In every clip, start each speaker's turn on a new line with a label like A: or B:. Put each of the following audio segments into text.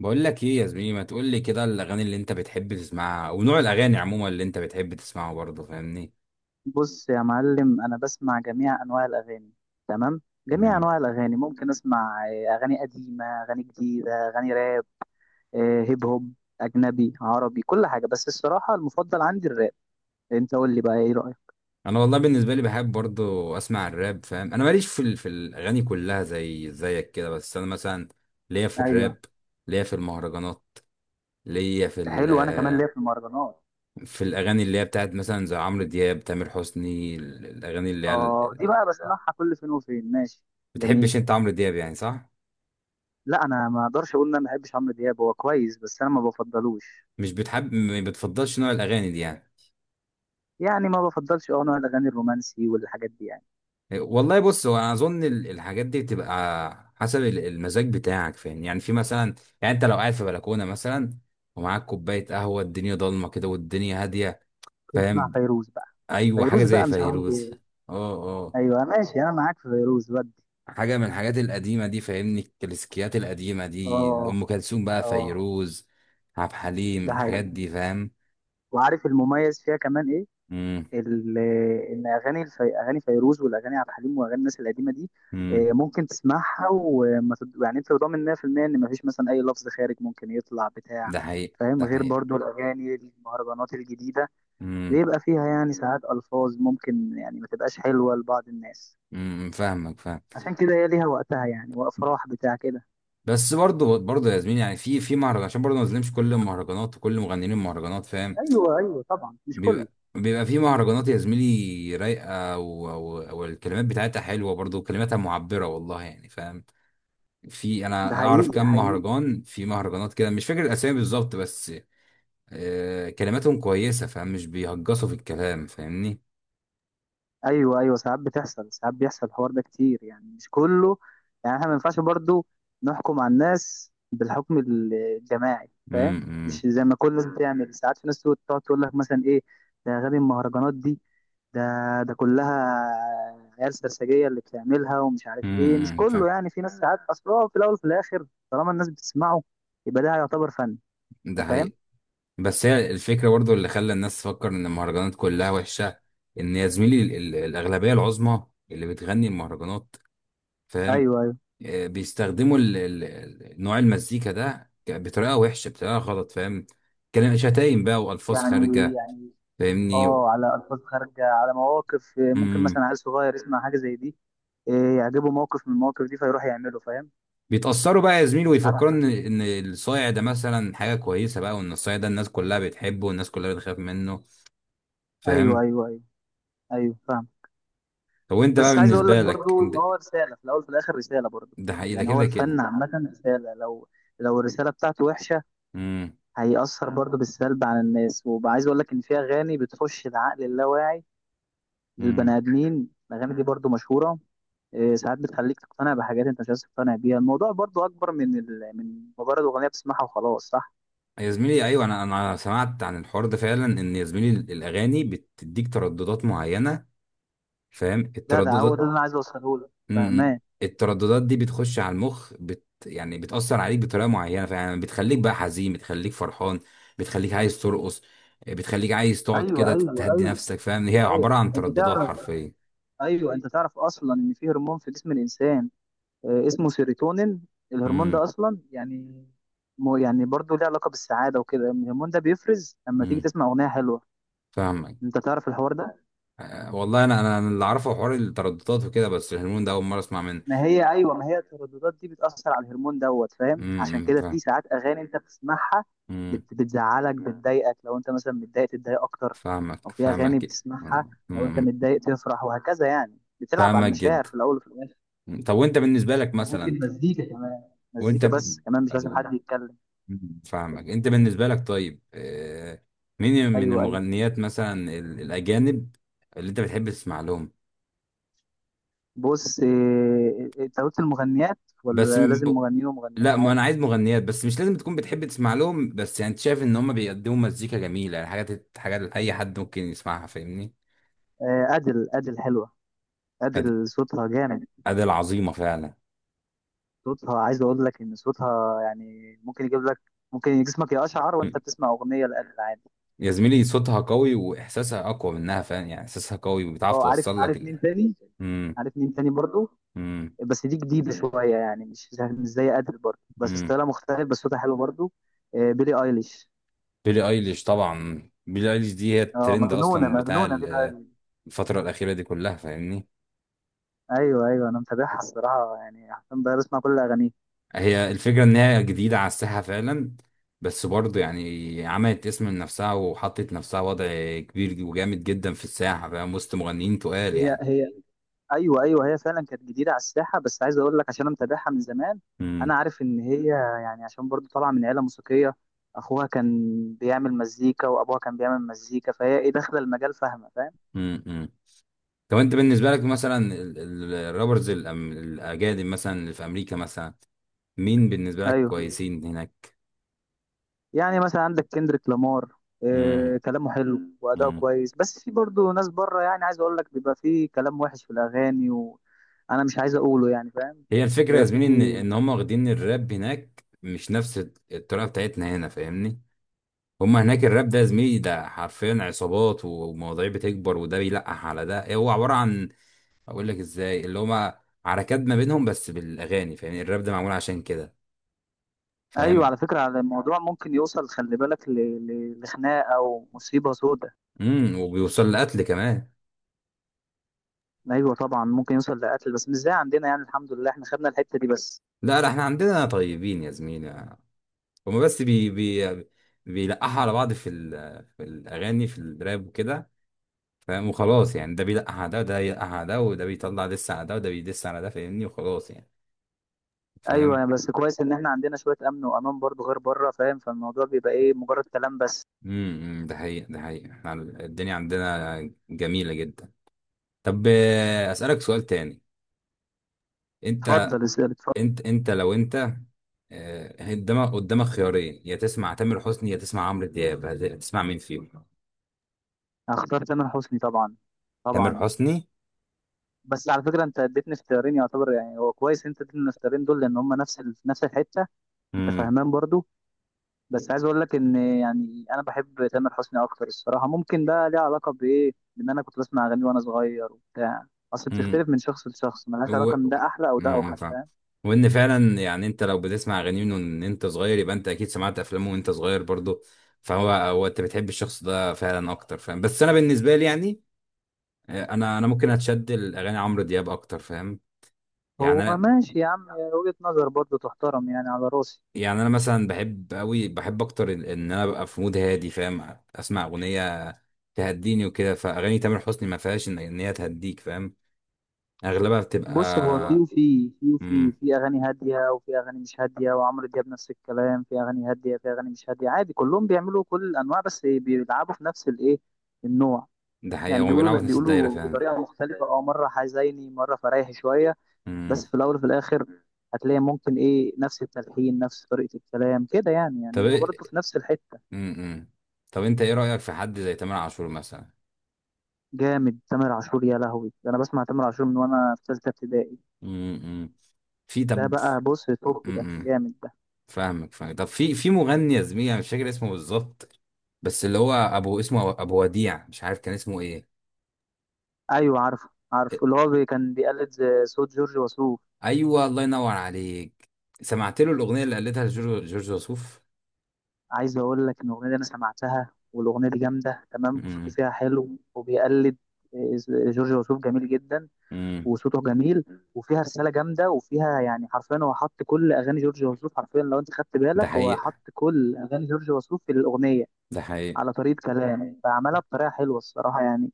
A: بقول لك ايه يا زميلي؟ ما تقول لي كده الاغاني اللي انت بتحب تسمعها ونوع الاغاني عموما اللي انت بتحب تسمعه، برضه فاهمني.
B: بص يا معلم، انا بسمع جميع انواع الاغاني. تمام. جميع
A: امم
B: انواع الاغاني ممكن اسمع اغاني قديمه، اغاني جديده، اغاني راب، هيب هوب، اجنبي عربي كل حاجه. بس الصراحه المفضل عندي الراب. انت قول لي بقى ايه رايك؟
A: انا والله بالنسبه لي بحب برضه اسمع الراب، فاهم؟ انا ماليش في الاغاني كلها زي زيك كده، بس انا مثلا ليا في
B: ايوه.
A: الراب، ليا في المهرجانات، ليا
B: حلو، انا كمان ليا في المهرجانات.
A: في الاغاني اللي هي بتاعت مثلا زي عمرو دياب، تامر حسني، الاغاني اللي هي
B: اه دي بقى بسمعها كل فين وفين، ماشي. جميل.
A: بتحبش انت عمرو دياب يعني، صح؟
B: لا، انا ما اقدرش اقول ان انا ما بحبش عمرو دياب، هو كويس بس انا ما بفضلوش.
A: مش بتحب، ما بتفضلش نوع الاغاني دي يعني.
B: يعني ما بفضلش، اه، نوع الاغاني الرومانسي والحاجات دي يعني.
A: والله بص، هو انا اظن الحاجات دي بتبقى حسب المزاج بتاعك، فاهم؟ يعني في مثلا، يعني انت لو قاعد في بلكونه مثلا، ومعاك كوبايه قهوه، الدنيا ضلمه كده والدنيا هاديه،
B: بنسمع
A: فاهم؟
B: فيروز بقى.
A: ايوه، حاجه
B: فيروز
A: زي
B: بقى مش عمرو
A: فيروز.
B: دياب.
A: اه. اه،
B: ايوه ماشي، انا معاك في فيروز ودي.
A: حاجه من الحاجات القديمه دي فاهمني، الكلاسيكيات القديمه دي، ام
B: اه.
A: كلثوم بقى،
B: اه.
A: فيروز، عبد الحليم،
B: ده حقيقي.
A: الحاجات دي فاهم.
B: وعارف المميز فيها كمان ايه؟
A: امم
B: ال- ان اغاني اغاني فيروز والاغاني عبد الحليم واغاني الناس القديمه دي،
A: امم
B: ممكن تسمعها وما يعني انت ضامن 100% ان مفيش مثلا اي لفظ خارج ممكن يطلع بتاع.
A: ده حقيقه،
B: فاهم؟
A: ده
B: غير
A: حقيقه.
B: برضو الاغاني المهرجانات الجديده
A: امم
B: بيبقى فيها يعني ساعات الفاظ ممكن يعني ما تبقاش حلوه لبعض الناس.
A: فاهمك فاهم.
B: عشان كده هي ليها وقتها يعني، وافراح بتاع كده.
A: بس برضه برضه يا زميلي، يعني في مهرجان، عشان برضه ما نظلمش كل المهرجانات وكل مغنيين المهرجانات، فاهم؟
B: ايوه ايوه، طبعا مش كله.
A: بيبقى في مهرجانات يا زميلي رايقه والكلمات بتاعتها حلوه برضه، وكلماتها معبره، والله يعني فاهم. في،
B: ده
A: انا اعرف
B: حقيقي ده
A: كام
B: حقيقي.
A: مهرجان، في مهرجانات كده مش فاكر الاسامي بالظبط بس آه كلماتهم كويسه فاهم، مش بيهجصوا في الكلام فاهمني.
B: ايوه ايوه، ساعات بتحصل، ساعات بيحصل الحوار ده كتير يعني، مش كله. يعني احنا ما ينفعش برضو نحكم على الناس بالحكم الجماعي. فاهم؟
A: امم
B: مش
A: امم
B: زي ما كل الناس بتعمل. ساعات في ناس تقعد تقعد تقول لك مثلا ايه: ده غبي المهرجانات دي، ده، ده عيال سرسجيه اللي بتعملها ومش عارف ايه. مش كله
A: فاهم.
B: يعني، في ناس. ساعات اصل هو في الاول وفي الاخر طالما الناس بتسمعه يبقى ده يعتبر فن.
A: ده
B: انت فاهم؟
A: حقيقي. بس هي الفكرة برضو اللي خلى الناس تفكر إن المهرجانات كلها وحشة، إن يا زميلي الأغلبية العظمى اللي بتغني المهرجانات، فاهم؟
B: ايوه ايوه.
A: بيستخدموا نوع المزيكا ده بطريقة وحشة، بطريقة غلط فاهم، كلام شتايم بقى وألفاظ
B: يعني
A: خارجة
B: يعني
A: فاهمني.
B: اه، على الفاظ خارجه، على مواقف ممكن
A: امم
B: مثلا عيل صغير يسمع حاجه زي دي، إيه، يعجبه موقف من المواقف دي فيروح يعمله. فاهم؟
A: بيتأثروا بقى يا زميلي،
B: ساعات
A: ويفكروا
B: صح.
A: إن الصايع ده مثلا حاجة كويسة بقى، وإن الصايع ده الناس كلها بتحبه والناس كلها بتخاف منه،
B: ايوه
A: فاهم؟
B: ايوه ايوه. ايوه فاهم.
A: طب وأنت بقى
B: بس عايز اقول لك
A: بالنسبة لك
B: برضو
A: أنت؟
B: ان هو رساله في الاول وفي الاخر، رساله برضو.
A: ده حقيقي، ده
B: يعني هو
A: كده
B: الفن
A: كده.
B: عامه رساله. لو لو الرساله بتاعته وحشه
A: امم
B: هيأثر برضو بالسلب على الناس. وعايز اقول لك ان في اغاني بتخش العقل اللاواعي
A: امم.
B: للبني ادمين، الاغاني دي برضو مشهوره. إيه، ساعات بتخليك تقتنع بحاجات انت مش عايز تقتنع بيها. الموضوع برضو اكبر من من مجرد اغنيه بتسمعها وخلاص. صح.
A: يا زميلي، ايوه، انا سمعت عن الحوار ده فعلا، ان يا زميلي الاغاني بتديك ترددات معينه، فاهم
B: جدع، هو ده
A: الترددات؟
B: اللي انا عايز اوصله لك.
A: مم.
B: فاهمان؟
A: الترددات دي بتخش على المخ، يعني بتاثر عليك بطريقه معينه فعلا، بتخليك بقى حزين، بتخليك فرحان، بتخليك عايز ترقص، بتخليك عايز تقعد
B: ايوه
A: كده
B: ايوه
A: تهدي
B: ايوه
A: نفسك، فاهم؟ هي
B: ايوه.
A: عباره عن
B: انت
A: ترددات
B: تعرف،
A: حرفيا.
B: ايوه انت تعرف اصلا ان في هرمون في جسم الانسان، اسمه سيروتونين. الهرمون ده
A: امم
B: اصلا يعني، مو يعني برضه ليه علاقه بالسعاده وكده. الهرمون ده بيفرز لما تيجي
A: امم
B: تسمع اغنيه حلوه.
A: فاهمك.
B: انت تعرف الحوار ده؟
A: آه، والله انا اللي اعرفه حوار الترددات وكده، بس الهرمون ده اول مره اسمع منه.
B: ما هي ايوه، ما هي الترددات دي بتاثر على الهرمون دوت. فاهم؟ عشان كده في
A: فاهم.
B: ساعات اغاني انت بتسمعها
A: مم.
B: بتزعلك، بتضايقك، لو انت مثلا متضايق تتضايق اكتر.
A: فاهمك
B: او في اغاني
A: فاهمك.
B: بتسمعها
A: أمم،
B: لو انت متضايق تفرح، وهكذا. يعني بتلعب على
A: فاهمك
B: المشاعر
A: جدا.
B: في الاول وفي الاخر.
A: طب وانت بالنسبة لك مثلا،
B: وممكن مزيكا كمان،
A: وانت
B: مزيكا
A: ب...
B: بس كمان، مش لازم حد يتكلم.
A: أمم، فاهمك، انت بالنسبة لك طيب، مين من
B: ايوه ايوه.
A: المغنيات مثلا، الأجانب، اللي انت بتحب تسمع لهم؟
B: بص إيه، انت قلت المغنيات
A: بس
B: ولا
A: م-
B: لازم مغنيين ومغنيات؟
A: لا، ما انا عايز مغنيات بس، مش لازم تكون بتحب تسمع لهم، بس يعني انت شايف ان هم بيقدموا مزيكا جميلة، يعني حاجات اي حد ممكن يسمعها فاهمني.
B: ادل، ادل حلوه،
A: أد-
B: ادل صوتها جامد.
A: أداة عظيمة فعلا.
B: صوتها، عايز اقول لك ان صوتها يعني ممكن يجيب لك، ممكن جسمك يقشعر وانت بتسمع اغنيه لادل، عادي.
A: يا زميلي صوتها قوي واحساسها اقوى منها فاهم، يعني احساسها قوي وبتعرف
B: اه عارف.
A: توصل لك
B: عارف مين تاني؟
A: امم
B: عارف مين تاني برضو،
A: امم
B: بس دي جديده شويه يعني مش زي ادل برضو، بس
A: امم
B: ستايلها مختلف، بس صوتها حلو برضو، بيلي ايليش.
A: بيلي ايليش، طبعا بيلي ايليش دي هي
B: اه
A: الترند
B: مجنونه،
A: اصلا بتاع
B: مجنونه بيلي ايليش.
A: الفتره الاخيره دي كلها فاهمني.
B: ايوه ايوه، انا متابعها الصراحه يعني حرفيا بقى بسمع كل اغانيه.
A: هي الفكره ان هي جديده على الساحه فعلا، بس برضه يعني عملت اسم لنفسها وحطت نفسها وضع كبير وجامد جدا في الساحه فاهم، وسط مغنيين تقال
B: هي
A: يعني.
B: هي ايوه ايوه، هي فعلا كانت جديده على الساحه، بس عايز اقول لك، عشان انا متابعها من زمان انا
A: امم
B: عارف ان هي يعني، عشان برضو طالعه من عيله موسيقيه. اخوها كان بيعمل مزيكا وابوها كان بيعمل مزيكا، فهي ايه داخله المجال فاهمه. فاهم؟
A: أمم. طب انت بالنسبه لك مثلا الرابرز الاجانب، مثلا اللي في امريكا مثلا، مين بالنسبة لك
B: ايوه.
A: كويسين هناك؟
B: يعني مثلا عندك كندريك لامار،
A: مم.
B: إيه، كلامه حلو واداؤه
A: مم.
B: كويس. بس في برضو ناس بره، يعني عايز اقول لك بيبقى في كلام وحش في الاغاني وانا مش عايز اقوله يعني. فاهم؟
A: هي الفكرة يا
B: بيبقى في.
A: زميلي ان هم واخدين الراب هناك مش نفس الطريقة بتاعتنا هنا فاهمني. هم هناك الراب ده يا زميلي ده حرفيا عصابات، ومواضيع بتكبر، وده بيلقح على ده، هو عبارة عن، اقول لك ازاي، اللي هم عركات ما بينهم بس بالاغاني فاهمني، الراب ده معمول عشان كده
B: ايوه، على
A: فاهم.
B: فكره، على الموضوع ممكن يوصل، خلي بالك، لخناقه او مصيبه سودة.
A: وبيوصل لقتل كمان.
B: ايوه طبعا، ممكن يوصل لقتل بس مش زي عندنا. يعني الحمد لله احنا خدنا الحته دي بس.
A: لا لا، احنا عندنا طيبين يا زميلي، هم بس بي بي بيلقحوا على بعض في الاغاني، في الراب وكده فاهم، وخلاص يعني، ده بيلقح على ده وده يلقح على ده، وده بيطلع دس على ده وده بيدس على ده فاهمني، وخلاص يعني فاهم.
B: ايوه، بس كويس ان احنا عندنا شويه امن وامان برضو غير بره. فاهم؟ فالموضوع بيبقى ايه، مجرد كلام بس.
A: ده حقيقة ده حقيقة، احنا الدنيا عندنا جميلة جدا. طب، اسألك سؤال تاني. انت
B: اتفضل اسال، اتفضل.
A: انت لو انت، قدامك قدامك خيارين، يا تسمع تامر حسني يا تسمع عمرو دياب، هتسمع مين فيهم؟
B: هختار تامر حسني طبعا.
A: تامر
B: طبعا.
A: حسني.
B: بس على فكره، انت اديتني اختيارين يعتبر، يعني هو كويس انت اديتني الاختيارين دول لان هم نفس في نفس الحته. انت
A: امم
B: فاهمان برضو؟ بس عايز اقول لك ان يعني انا بحب تامر حسني اكتر الصراحه. ممكن ده ليه علاقه بايه، بان انا كنت بسمع اغاني وانا صغير وبتاع. اصل
A: امم
B: بتختلف من شخص لشخص، ملهاش علاقه ان ده احلى او ده اوحش.
A: فاهم.
B: فاهم؟
A: وان فعلا يعني انت لو بتسمع اغاني من ان انت صغير، يبقى انت اكيد سمعت افلامه وانت صغير برضه، فهو هو انت بتحب الشخص ده فعلا اكتر فاهم. بس انا بالنسبه لي يعني، آه، انا ممكن اتشد الاغاني عمرو دياب اكتر فاهم. يعني
B: هو
A: انا
B: ماشي يا عم، وجهه نظر برضه تحترم يعني، على راسي.
A: يعني انا مثلا بحب قوي، بحب اكتر إن انا ابقى في مود هادي فاهم، اسمع اغنيه تهديني وكده، فاغاني تامر حسني ما فيهاش إن هي تهديك فاهم، اغلبها
B: بص، هو في
A: بتبقى.
B: وفي في وفي
A: امم
B: في اغاني هاديه وفي اغاني مش هاديه، وعمرو دياب نفس الكلام، في اغاني هاديه في اغاني مش هاديه، عادي. كلهم بيعملوا كل الانواع، بس بيلعبوا في نفس الايه، النوع.
A: ده
B: يعني
A: حقيقه، هم بيلعبوا
B: بيقولوا
A: في نفس الدايره
B: بيقولوا
A: فعلا.
B: بطريقه مختلفه، اه، مره حزيني مره فريحي شويه. بس
A: امم
B: في الاول وفي الاخر هتلاقي ممكن ايه نفس التلحين، نفس طريقه الكلام كده يعني. يعني
A: طب
B: هم برضه
A: إيه-
B: في نفس الحته.
A: امم طب انت ايه رأيك في حد زي تامر عاشور مثلا؟
B: جامد تامر عاشور، يا لهوي، ده انا بسمع تامر عاشور من وانا في ثالثه ابتدائي.
A: امم في
B: ده
A: طب
B: بقى بص توب، ده
A: امم
B: جامد ده.
A: فاهمك فاهمك. طب في مغني يا زميلي انا مش فاكر اسمه بالظبط، بس اللي هو ابو، اسمه ابو وديع، مش عارف كان اسمه ايه.
B: ايوه عارفه عارفه، اللي هو كان بيقلد زي صوت جورج وسوف.
A: ايوه، الله ينور عليك، سمعت له الاغنيه اللي قالتها لجورج وسوف.
B: عايز اقول لك ان الاغنيه دي انا سمعتها والاغنيه دي جامده تمام، وصوتي
A: امم
B: فيها حلو وبيقلد آه، جورج وسوف، جميل جدا
A: امم
B: وصوته جميل. وفيها رساله جامده، وفيها يعني حرفيا هو حط كل اغاني جورج وسوف حرفيا، لو انت خدت
A: ده
B: بالك هو حط
A: حقيقه،
B: كل اغاني جورج وسوف في الاغنيه
A: ده حقيقه.
B: على طريقه كلام. فعملها بطريقه حلوه الصراحه يعني،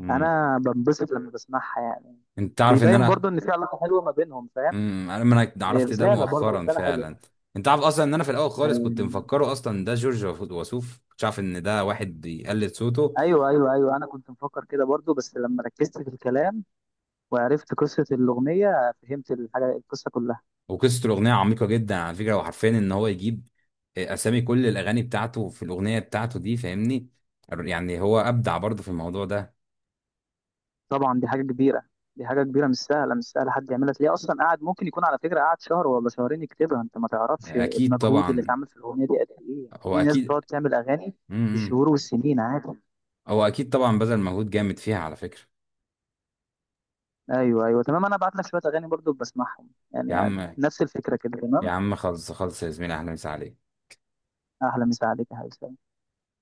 A: امم
B: انا بنبسط لما بسمعها يعني.
A: انت تعرف ان
B: بيبين
A: انا،
B: برضو ان في علاقه حلوه ما بينهم. فاهم؟
A: انا ما، أنا
B: إيه،
A: عرفت ده
B: رساله برضو،
A: مؤخرا
B: رساله حلوه
A: فعلا.
B: ده
A: انت عارف اصلا ان انا في الاول خالص كنت
B: يعني.
A: مفكره اصلا ده جورج وسوف، كنت عارف ان ده واحد بيقلد صوته.
B: ايوه ايوه ايوه، انا كنت مفكر كده برضو، بس لما ركزت في الكلام وعرفت قصه الاغنيه فهمت الحاجه، القصه كلها.
A: وقصه الاغنيه عميقه جدا على فكره، وحرفيا ان هو يجيب، آه، اسامي كل الاغاني بتاعته في الاغنيه بتاعته دي فاهمني، يعني هو ابدع برضه في الموضوع ده.
B: طبعا دي حاجه كبيره، دي حاجه كبيره مش سهله، مش سهله حد يعملها، تلاقيه اصلا قاعد ممكن يكون على فكره قاعد شهر ولا شهرين يكتبها. انت ما تعرفش
A: اكيد
B: المجهود اللي
A: طبعا،
B: اتعمل في الاغنيه دي قد ايه. يعني
A: هو
B: في ناس بتقعد
A: اكيد،
B: تعمل اغاني
A: امم امم،
B: بالشهور والسنين عادي.
A: هو اكيد طبعا بذل مجهود جامد فيها على فكره.
B: ايوه ايوه تمام، انا ابعت لك شويه اغاني برضو بسمعهم
A: يا
B: يعني
A: عم،
B: نفس الفكره كده.
A: يا
B: تمام.
A: عم خلص خلص يا زميلي، اهلا وسهلا عليك.
B: اهلا، مسا عليك يا حبيبي.